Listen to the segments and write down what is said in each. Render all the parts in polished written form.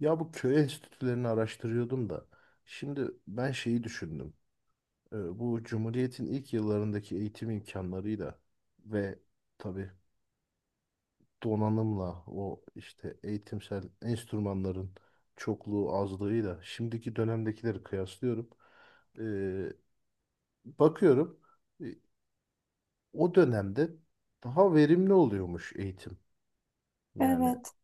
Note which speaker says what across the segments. Speaker 1: Ya bu köy enstitülerini araştırıyordum da. Şimdi ben şeyi düşündüm. Bu Cumhuriyet'in ilk yıllarındaki eğitim imkanlarıyla ve tabii donanımla o işte eğitimsel enstrümanların çokluğu azlığıyla şimdiki dönemdekileri kıyaslıyorum. Ee, bakıyorum e, o dönemde daha verimli oluyormuş eğitim. Yani
Speaker 2: Evet.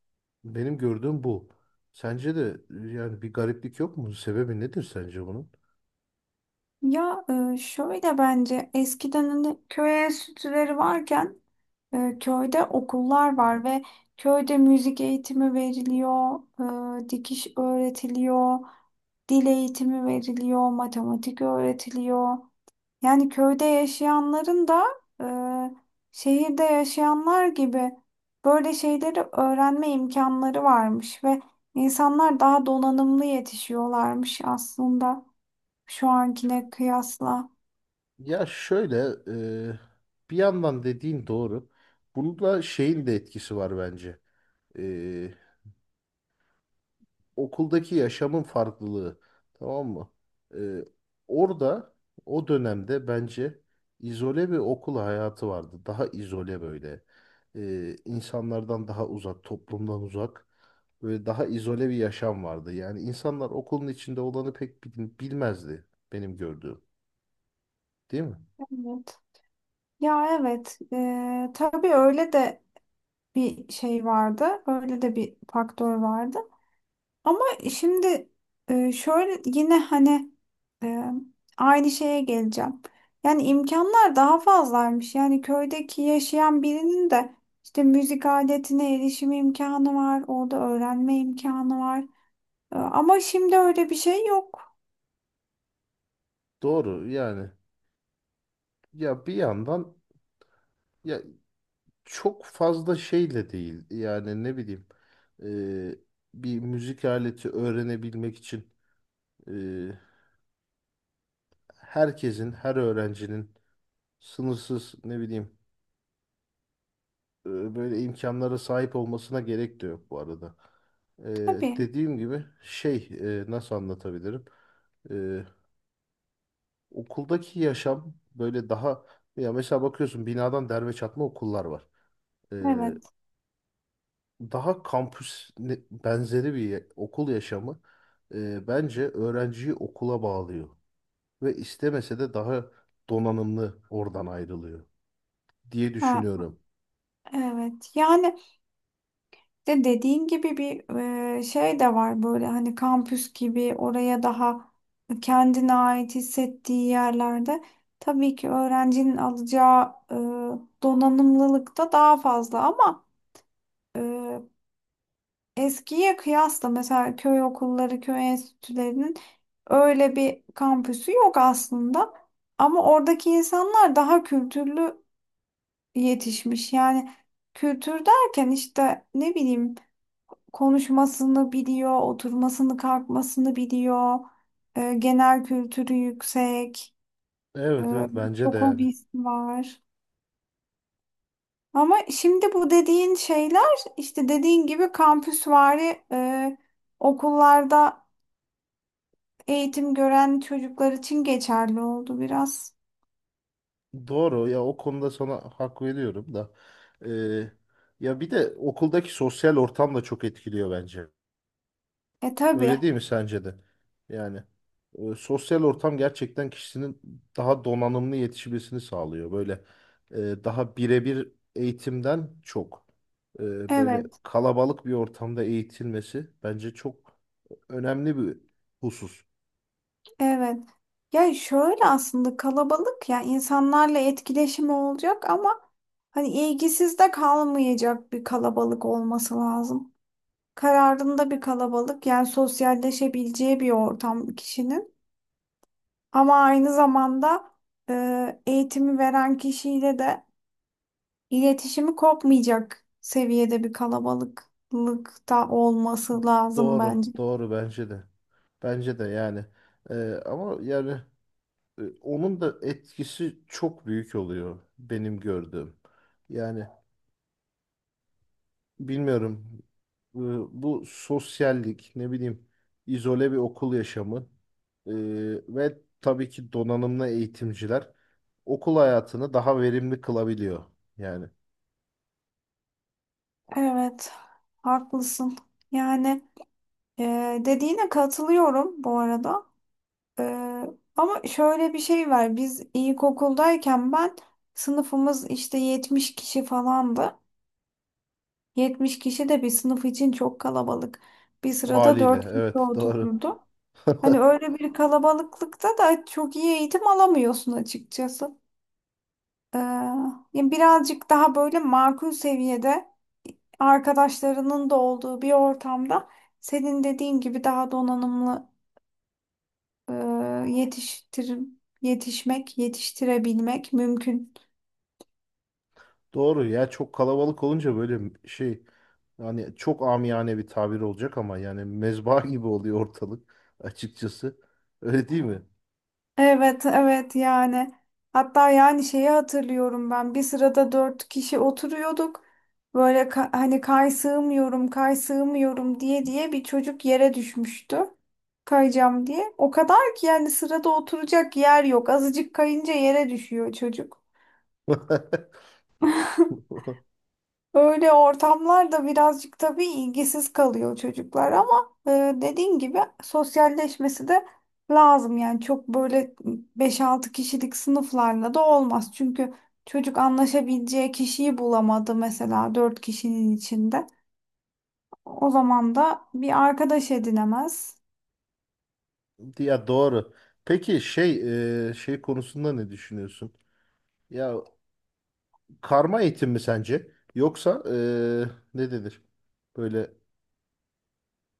Speaker 1: benim gördüğüm bu. Sence de yani bir gariplik yok mu? Sebebi nedir sence bunun?
Speaker 2: Ya şöyle bence eskiden hani köy enstitüleri varken köyde okullar var ve köyde müzik eğitimi veriliyor, dikiş öğretiliyor, dil eğitimi veriliyor, matematik öğretiliyor. Yani köyde yaşayanların da e, şehirde yaşayanlar gibi böyle şeyleri öğrenme imkanları varmış ve insanlar daha donanımlı yetişiyorlarmış aslında. Şu ankine kıyasla.
Speaker 1: Ya şöyle, e, bir yandan dediğin doğru. Bunda şeyin de etkisi var bence. E, okuldaki yaşamın farklılığı. Tamam mı? E, orada o dönemde bence izole bir okul hayatı vardı. Daha izole böyle. İnsanlardan daha uzak, toplumdan uzak. Böyle daha izole bir yaşam vardı. Yani insanlar okulun içinde olanı pek bilmezdi benim gördüğüm. Değil mi?
Speaker 2: Evet. Ya evet. Tabii öyle de bir şey vardı. Öyle de bir faktör vardı. Ama şimdi şöyle yine hani eee, aynı şeye geleceğim. Yani imkanlar daha fazlaymış. Yani köydeki yaşayan birinin de işte müzik aletine erişim imkanı var. Orada öğrenme imkanı var. Ama şimdi öyle bir şey yok.
Speaker 1: Doğru yani. Ya bir yandan, ya çok fazla şeyle değil. Yani ne bileyim, e, bir müzik aleti öğrenebilmek için e, herkesin, her öğrencinin sınırsız ne bileyim, böyle imkanlara sahip olmasına gerek de yok bu arada. E,
Speaker 2: Tabii,
Speaker 1: dediğim gibi şey, nasıl anlatabilirim? E, okuldaki yaşam böyle daha, ya mesela bakıyorsun binadan derme çatma okullar var.
Speaker 2: evet.
Speaker 1: Daha kampüs benzeri bir okul yaşamı bence öğrenciyi okula bağlıyor ve istemese de daha donanımlı oradan ayrılıyor diye
Speaker 2: Ha,
Speaker 1: düşünüyorum.
Speaker 2: evet. Yani de dediğin gibi bir şey de var böyle hani kampüs gibi oraya daha kendine ait hissettiği yerlerde tabii ki öğrencinin alacağı donanımlılık da daha fazla ama e, Eskiye kıyasla mesela köy okulları, köy enstitülerinin öyle bir kampüsü yok aslında. Ama oradaki insanlar daha kültürlü yetişmiş. Yani kültür derken işte ne bileyim konuşmasını biliyor, oturmasını, kalkmasını biliyor. Genel kültürü yüksek,
Speaker 1: Evet
Speaker 2: e,
Speaker 1: evet bence de
Speaker 2: çok
Speaker 1: yani.
Speaker 2: hobisi var. Ama şimdi bu dediğin şeyler işte dediğin gibi kampüsvari okullarda eğitim gören çocuklar için geçerli oldu biraz.
Speaker 1: Doğru ya, o konuda sana hak veriyorum da e, ya bir de okuldaki sosyal ortam da çok etkiliyor bence.
Speaker 2: E tabii.
Speaker 1: Öyle değil mi sence de? Yani sosyal ortam gerçekten kişinin daha donanımlı yetişmesini sağlıyor. Böyle daha birebir eğitimden çok böyle
Speaker 2: Evet,
Speaker 1: kalabalık bir ortamda eğitilmesi bence çok önemli bir husus.
Speaker 2: evet. Ya şöyle aslında kalabalık ya insanlarla etkileşimi olacak ama hani ilgisiz de kalmayacak bir kalabalık olması lazım. Kararında bir kalabalık yani sosyalleşebileceği bir ortam kişinin. Ama aynı zamanda eğitimi veren kişiyle de iletişimi kopmayacak seviyede bir kalabalıklık da olması lazım
Speaker 1: Doğru,
Speaker 2: bence.
Speaker 1: doğru bence de. Bence de yani. E, ama yani onun da etkisi çok büyük oluyor benim gördüğüm. Yani bilmiyorum. e, Bu sosyallik, ne bileyim, izole bir okul yaşamı, e, ve tabii ki donanımlı eğitimciler okul hayatını daha verimli kılabiliyor. Yani
Speaker 2: Evet, haklısın. Yani dediğine katılıyorum bu arada. E, ama şöyle bir şey var. Biz ilkokuldayken ben sınıfımız işte 70 kişi falandı. 70 kişi de bir sınıf için çok kalabalık. Bir sırada
Speaker 1: haliyle.
Speaker 2: 4 kişi
Speaker 1: Evet, doğru.
Speaker 2: otururdu. Hani öyle bir kalabalıklıkta da çok iyi eğitim alamıyorsun açıkçası. E, Yani birazcık daha böyle makul seviyede arkadaşlarının da olduğu bir ortamda senin dediğin gibi daha donanımlı e, yetiştir yetişmek, yetiştirebilmek mümkün.
Speaker 1: Doğru ya, çok kalabalık olunca böyle şey, yani çok amiyane bir tabir olacak ama yani mezba gibi oluyor ortalık açıkçası. Öyle değil mi?
Speaker 2: Evet, evet yani. Hatta yani şeyi hatırlıyorum ben. Bir sırada dört kişi oturuyorduk. Böyle hani kay sığmıyorum, kay sığmıyorum diye diye bir çocuk yere düşmüştü. Kayacağım diye. O kadar ki yani sırada oturacak yer yok. Azıcık kayınca yere düşüyor çocuk. Öyle ortamlarda birazcık tabii ilgisiz kalıyor çocuklar ama dediğin gibi sosyalleşmesi de lazım. Yani çok böyle beş altı kişilik sınıflarla da olmaz. Çünkü çocuk anlaşabileceği kişiyi bulamadı mesela 4 kişinin içinde. O zaman da bir arkadaş edinemez.
Speaker 1: Ya doğru. Peki şey, şey konusunda ne düşünüyorsun? Ya karma eğitim mi sence? Yoksa ne denir? Böyle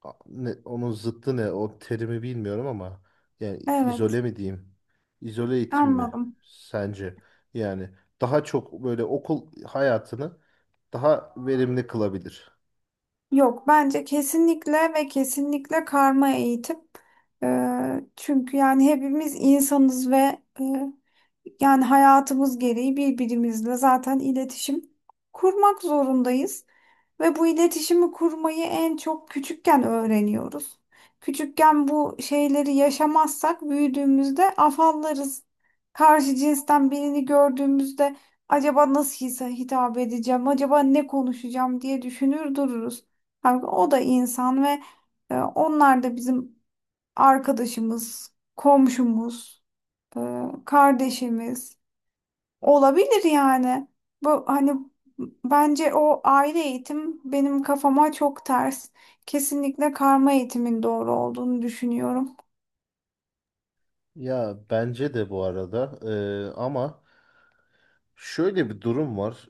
Speaker 1: ne, onun zıttı ne? O terimi bilmiyorum ama yani
Speaker 2: Evet,
Speaker 1: izole mi diyeyim? İzole eğitim mi
Speaker 2: anladım.
Speaker 1: sence? Yani daha çok böyle okul hayatını daha verimli kılabilir.
Speaker 2: Yok bence kesinlikle ve kesinlikle karma eğitim. Çünkü yani hepimiz insanız ve yani hayatımız gereği birbirimizle zaten iletişim kurmak zorundayız. Ve bu iletişimi kurmayı en çok küçükken öğreniyoruz. Küçükken bu şeyleri yaşamazsak büyüdüğümüzde afallarız. Karşı cinsten birini gördüğümüzde acaba nasıl hitap edeceğim, acaba ne konuşacağım diye düşünür dururuz. Halbuki o da insan ve onlar da bizim arkadaşımız, komşumuz, e, kardeşimiz. Olabilir yani. Bu hani bence o aile eğitim benim kafama çok ters. Kesinlikle karma eğitimin doğru olduğunu düşünüyorum.
Speaker 1: Ya bence de bu arada, ama şöyle bir durum var.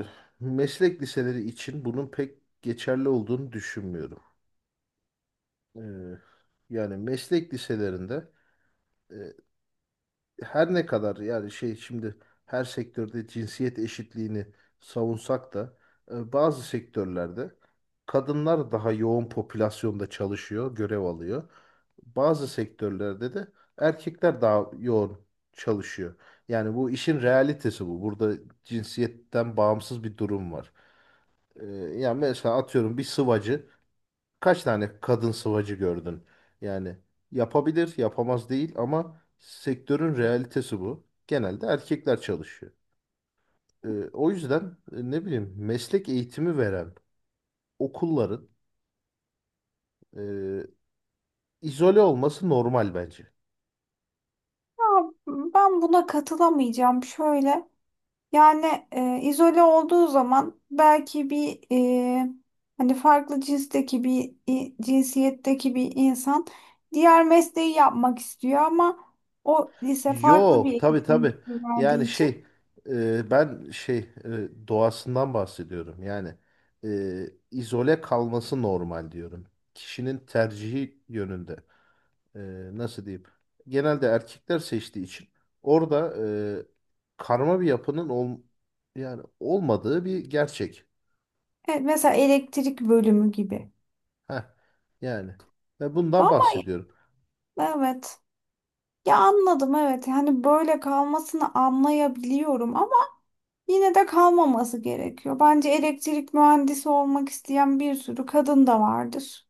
Speaker 1: Eee, meslek liseleri için bunun pek geçerli olduğunu düşünmüyorum. Eee, yani meslek liselerinde, E, her ne kadar yani şey şimdi her sektörde cinsiyet eşitliğini savunsak da bazı sektörlerde kadınlar daha yoğun popülasyonda çalışıyor, görev alıyor. Bazı sektörlerde de erkekler daha yoğun çalışıyor. Yani bu işin realitesi bu. Burada cinsiyetten bağımsız bir durum var. E, yani mesela atıyorum bir sıvacı, kaç tane kadın sıvacı gördün? Yani yapabilir, yapamaz değil ama sektörün realitesi bu. Genelde erkekler çalışıyor. O yüzden ne bileyim meslek eğitimi veren okulların e, izole olması normal bence.
Speaker 2: Ama ben buna katılamayacağım şöyle. Yani izole olduğu zaman belki bir e, hani farklı cinsteki cinsiyetteki bir insan diğer mesleği yapmak istiyor ama o lise farklı bir
Speaker 1: Yok, tabii
Speaker 2: eğitim
Speaker 1: tabii. Yani
Speaker 2: verdiği için
Speaker 1: şey, ben şey, doğasından bahsediyorum. Yani e, izole kalması normal diyorum. Kişinin tercihi yönünde. e, Nasıl diyeyim, genelde erkekler seçtiği için orada e, karma bir yapının ol, yani olmadığı bir gerçek.
Speaker 2: mesela elektrik bölümü gibi.
Speaker 1: Heh, yani ve bundan bahsediyorum.
Speaker 2: Evet. Ya anladım evet. Hani böyle kalmasını anlayabiliyorum ama yine de kalmaması gerekiyor. Bence elektrik mühendisi olmak isteyen bir sürü kadın da vardır.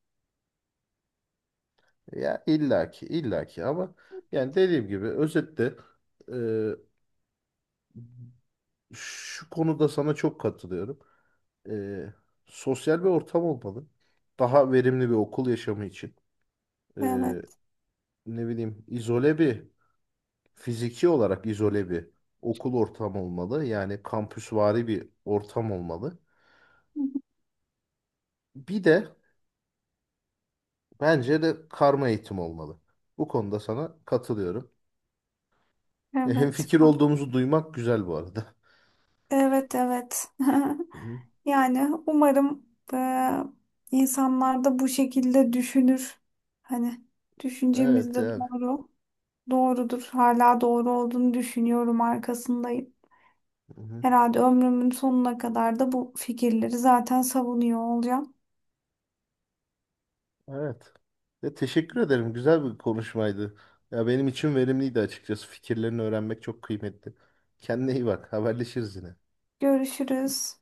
Speaker 1: Ya illaki illaki ama yani dediğim gibi özetle e, şu konuda sana çok katılıyorum. E, sosyal bir ortam olmalı. Daha verimli bir okul yaşamı için. E,
Speaker 2: Evet.
Speaker 1: ne bileyim izole bir, fiziki olarak izole bir okul ortamı olmalı. Yani kampüsvari bir ortam olmalı. Bir de bence de karma eğitim olmalı. Bu konuda sana katılıyorum.
Speaker 2: Evet.
Speaker 1: Hemfikir olduğumuzu duymak güzel bu arada.
Speaker 2: Evet, evet.
Speaker 1: Hı hı.
Speaker 2: Yani umarım eee, insanlar da bu şekilde düşünür. Hani düşüncemiz
Speaker 1: Evet
Speaker 2: de
Speaker 1: yani.
Speaker 2: doğru. Doğrudur. Hala doğru olduğunu düşünüyorum arkasındayım.
Speaker 1: Hı hı.
Speaker 2: Herhalde ömrümün sonuna kadar da bu fikirleri zaten savunuyor olacağım.
Speaker 1: Evet. Ya, teşekkür ederim. Güzel bir konuşmaydı. Ya benim için verimliydi açıkçası. Fikirlerini öğrenmek çok kıymetli. Kendine iyi bak. Haberleşiriz yine.
Speaker 2: Görüşürüz.